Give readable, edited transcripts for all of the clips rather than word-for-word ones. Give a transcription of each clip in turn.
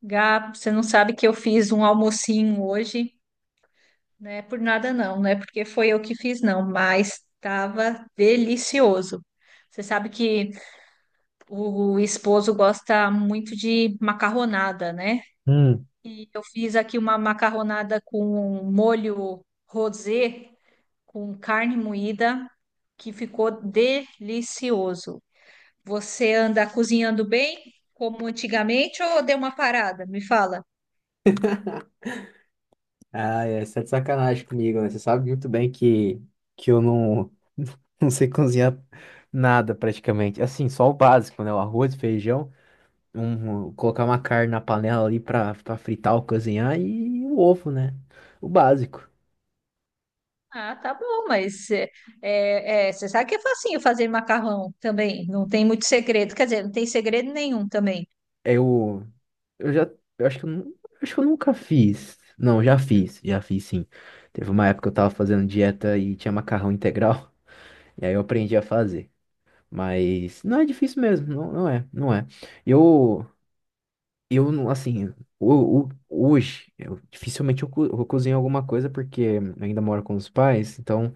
Gá, você não sabe que eu fiz um almocinho hoje, né? Por nada não, não é porque foi eu que fiz não, mas estava delicioso. Você sabe que o esposo gosta muito de macarronada, né? Hum. E eu fiz aqui uma macarronada com molho rosé, com carne moída, que ficou delicioso. Você anda cozinhando bem, como antigamente, ou deu uma parada? Me fala. Ah, é, você tá de sacanagem comigo, né? Você sabe muito bem que, eu não, não sei cozinhar nada praticamente. Assim, só o básico, né? O arroz, feijão, colocar uma carne na panela ali pra fritar ou cozinhar e o ovo, né? O básico. Ah, tá bom, mas você sabe que é facinho fazer macarrão também, não tem muito segredo, quer dizer, não tem segredo nenhum também. Eu, eu já, eu acho que acho que eu nunca fiz. Não, já fiz sim. Teve uma época que eu tava fazendo dieta e tinha macarrão integral, e aí eu aprendi a fazer. Mas não é difícil mesmo, não, não é, não é. Eu, Eu não, assim, hoje, eu, dificilmente eu cozinho alguma coisa porque eu ainda moro com os pais, então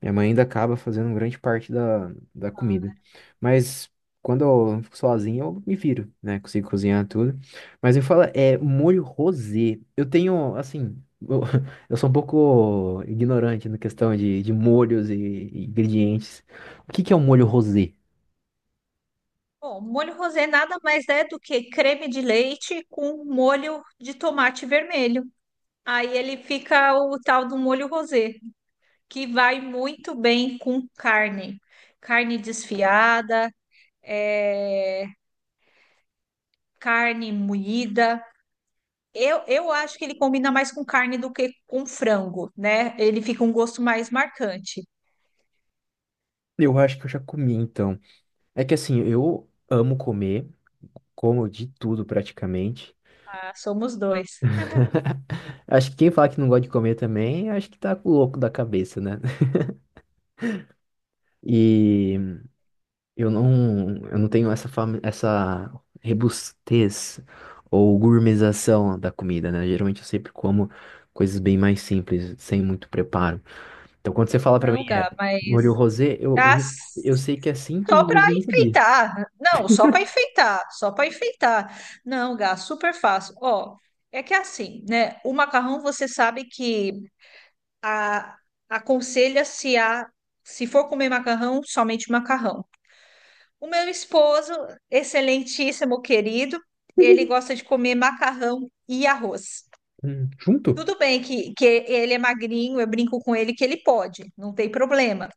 minha mãe ainda acaba fazendo grande parte da comida. Mas quando eu fico sozinho, eu me viro, né? Consigo cozinhar tudo. Mas me fala, é molho rosé. Eu tenho, assim, eu, eu sou um pouco ignorante na questão de molhos e ingredientes. O que que é um molho rosé? Bom, molho rosé nada mais é do que creme de leite com molho de tomate vermelho. Aí ele fica o tal do molho rosé, que vai muito bem com carne, carne desfiada, é, carne moída. Eu acho que ele combina mais com carne do que com frango, né? Ele fica um gosto mais marcante. Eu acho que eu já comi, então. É que assim, eu amo comer, como de tudo praticamente. Ah, somos dois. Acho que quem fala que não gosta de comer também, acho que tá louco da cabeça, né? E eu não tenho essa fama, essa rebustez ou gourmetização da comida, né? Geralmente eu sempre como coisas bem mais simples, sem muito preparo. Então quando você fala pra mim Não, é Gá, molho mas. rosé, eu, Ah, eu, eu sei que é simples, só para mas eu não sabia. enfeitar. Não, só para enfeitar. Só para enfeitar. Não, Gá, super fácil. Ó, é que é assim, né? O macarrão, você sabe que a, aconselha-se a. Se for comer macarrão, somente macarrão. O meu esposo, excelentíssimo querido, ele gosta de comer macarrão e arroz. Junto? Tudo bem que ele é magrinho, eu brinco com ele que ele pode, não tem problema.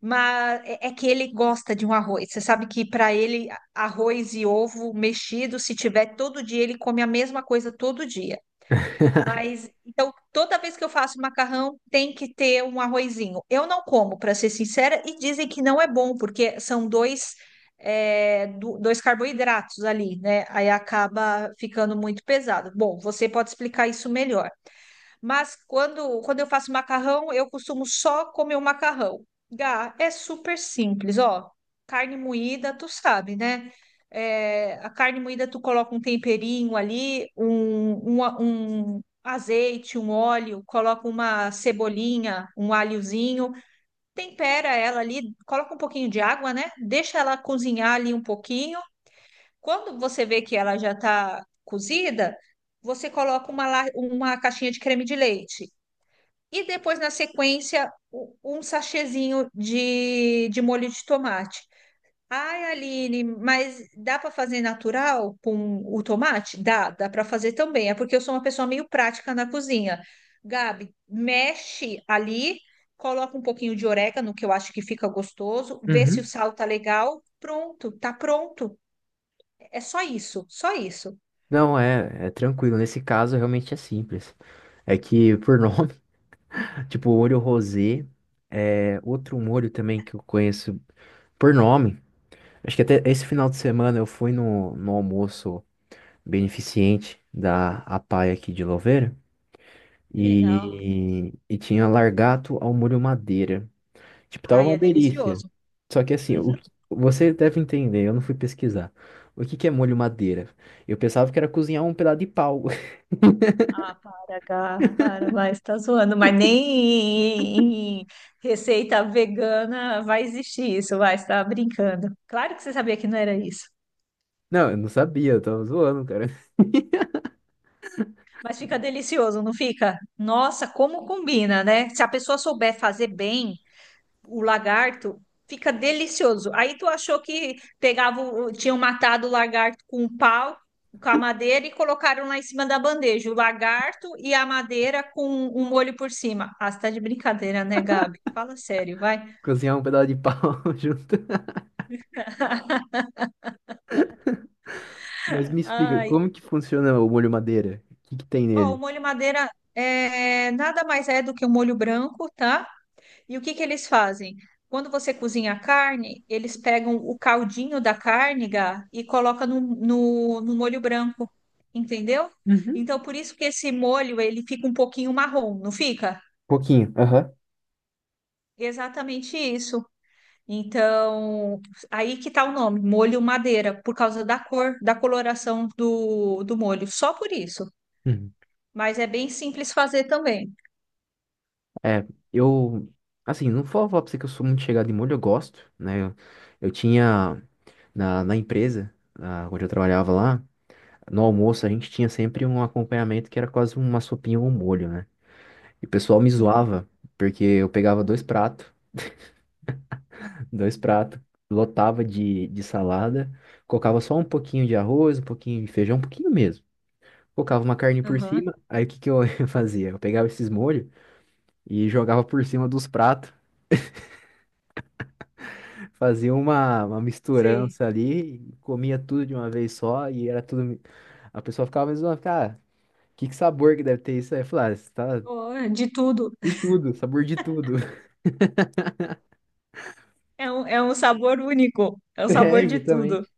Mas é que ele gosta de um arroz. Você sabe que para ele, a- arroz e ovo mexido, se tiver todo dia, ele come a mesma coisa todo dia. Mas então, toda vez que eu faço macarrão, tem que ter um arrozinho. Eu não como, para ser sincera, e dizem que não é bom, porque são dois, é, do- dois carboidratos ali, né? Aí acaba ficando muito pesado. Bom, você pode explicar isso melhor. Mas quando eu faço macarrão, eu costumo só comer o macarrão. Gá, é super simples, ó. Carne moída, tu sabe, né? É, a carne moída, tu coloca um temperinho ali, a- um azeite, um óleo, coloca uma cebolinha, um alhozinho, tempera ela ali, coloca um pouquinho de água, né? Deixa ela cozinhar ali um pouquinho. Quando você vê que ela já tá cozida, você coloca uma, la- uma caixinha de creme de leite. E depois, na sequência, u- um sachêzinho de molho de tomate. Ai, Aline, mas dá para fazer natural com o tomate? Dá, dá para fazer também. É porque eu sou uma pessoa meio prática na cozinha. Gabi, mexe ali, coloca um pouquinho de orégano, que eu acho que fica gostoso, vê se o sal tá legal. Pronto, tá pronto. É só isso, só isso. Não, é tranquilo. Nesse caso, realmente é simples. É que, por nome, tipo, molho rosé, é outro molho também que eu conheço por nome. Acho que até esse final de semana eu fui no almoço beneficente da APAE aqui de Louveira Que legal. e tinha largato ao molho madeira. Tipo, tava Ai, uma é delícia. delicioso. Só que assim, você deve entender, eu não fui pesquisar. O que que é molho madeira? Eu pensava que era cozinhar um pedaço de pau. Ah, para, Gá, para, mas tá zoando. Mas nem em receita vegana vai existir isso, vai, você tá brincando. Claro que você sabia que não era isso. Não, eu não sabia, eu tava zoando, cara. Mas fica delicioso, não fica? Nossa, como combina, né? Se a pessoa souber fazer bem, o lagarto, fica delicioso. Aí tu achou que pegava, o- tinham matado o lagarto com um pau, com a madeira e colocaram lá em cima da bandeja, o lagarto e a madeira com um molho por cima. Ah, você tá de brincadeira, né, Gabi? Fala sério, vai. Cozinhar um pedaço de pau junto. Mas me explica, Ai, como que funciona o molho madeira? O que que tem ó, o nele? molho madeira é nada mais é do que um molho branco, tá? E o que que eles fazem? Quando você cozinha a carne, eles pegam o caldinho da carne, Gá, e colocam no molho branco, entendeu? Uhum. Então, por isso que esse molho, ele fica um pouquinho marrom, não fica? Pouquinho, aham. Exatamente isso. Então, aí que tá o nome, molho madeira, por causa da cor, da coloração do molho, só por isso. Uhum. Mas é bem simples fazer também. É, eu, assim, não vou falar pra você que eu sou muito chegado em molho, eu gosto, né? Eu tinha, na empresa, onde eu trabalhava lá, no almoço a gente tinha sempre um acompanhamento que era quase uma sopinha ou um molho, né? E o pessoal me Sim. zoava, porque eu pegava dois pratos, dois pratos. Lotava de salada, colocava só um pouquinho de arroz, um pouquinho de feijão, um pouquinho mesmo. Colocava uma carne por Aham. cima, aí o que que eu fazia? Eu pegava esses molhos e jogava por cima dos pratos, fazia uma Sei. misturança ali, e comia tudo de uma vez só, e era tudo. A pessoa ficava mais zoando, cara, que sabor que deve ter isso aí? Eu falava, ah, isso tá Oh, é de tudo. de tudo, sabor de tudo. É um sabor único, é um É, sabor de tudo. exatamente.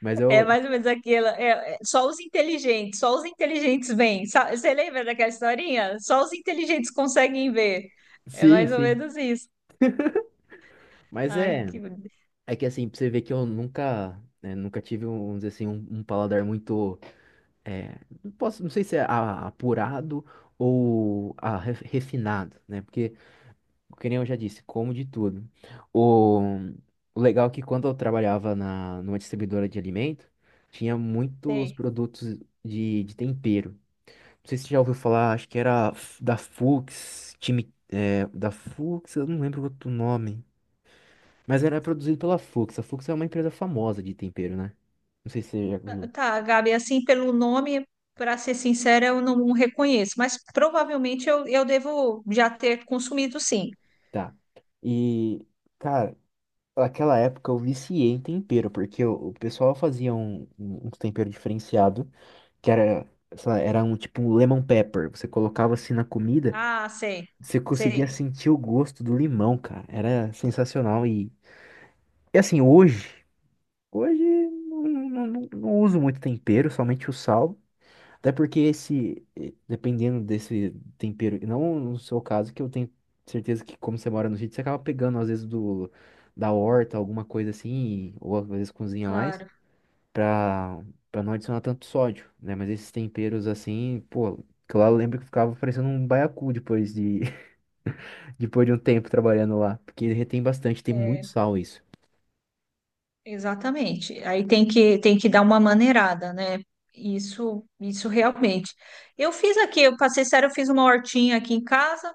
Mas É eu. mais ou menos aquela. É, é- só os inteligentes veem. Sa- Você lembra daquela historinha? Só os inteligentes conseguem ver. É Sim, mais ou sim. menos isso. Mas Ai, é. que. É que assim, pra você ver que eu nunca, né, nunca tive, vamos dizer assim, um paladar muito, é, não posso, não sei se é apurado ou a refinado, né? Porque, que nem eu já disse, como de tudo. O, o legal é que quando eu trabalhava numa distribuidora de alimento, tinha muitos Sei. produtos de tempero. Não sei se você já ouviu falar, acho que era da Fuchs, time, é, da Fuchs, eu não lembro outro nome. Mas era produzido pela Fux. A Fux é uma empresa famosa de tempero, né? Não sei se você já viu. Tá, Gabi, assim, pelo nome, para ser sincera, eu não reconheço, mas provavelmente eu devo já ter consumido, sim. Tá. E, cara, naquela época eu viciei em tempero, porque o pessoal fazia um tempero diferenciado, que era, sei lá, era um tipo um lemon pepper. Você colocava assim na comida, Ah, sei, você conseguia sei. sentir o gosto do limão, cara. Era sensacional. E assim, hoje não, não, não não uso muito tempero, somente o sal. Até porque esse, dependendo desse tempero, não no seu caso, que eu tenho certeza que como você mora no sítio, você acaba pegando às vezes do da horta, alguma coisa assim, ou às vezes cozinha mais, Claro. pra, pra não adicionar tanto sódio, né? Mas esses temperos assim, pô, que lá eu lembro que ficava parecendo um baiacu depois de, depois de um tempo trabalhando lá, porque retém bastante, tem muito É, sal isso. exatamente. Aí tem que dar uma maneirada, né? Isso isso realmente. Eu fiz aqui, eu passei sério, eu fiz uma hortinha aqui em casa.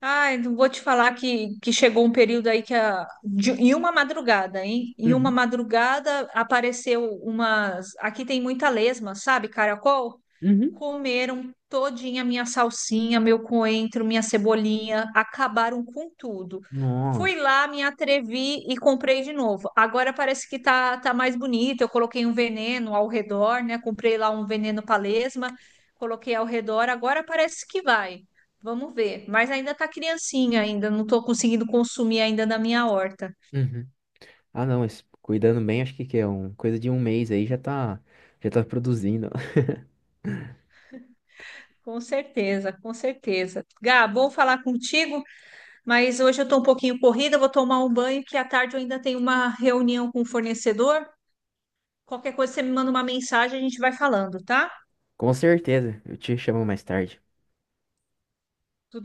Ai, não vou te falar que chegou um período aí que a, de- em uma madrugada, hein? Em uma Uhum, madrugada apareceu umas. Aqui tem muita lesma, sabe, caracol? uhum. Comeram todinha minha salsinha, meu coentro, minha cebolinha, acabaram com tudo. Fui Nossa. lá, me atrevi e comprei de novo. Agora parece que tá mais bonito. Eu coloquei um veneno ao redor, né? Comprei lá um veneno para lesma, coloquei ao redor, agora parece que vai. Vamos ver. Mas ainda tá criancinha ainda, não tô conseguindo consumir ainda na minha horta. Uhum. Ah, não, mas cuidando bem, acho que é coisa de um mês aí já tá produzindo. Com certeza, com certeza. Gá, bom falar contigo, mas hoje eu tô um pouquinho corrida, vou tomar um banho, que à tarde eu ainda tenho uma reunião com o fornecedor. Qualquer coisa você me manda uma mensagem, a gente vai falando, tá? Com certeza, eu te chamo mais tarde.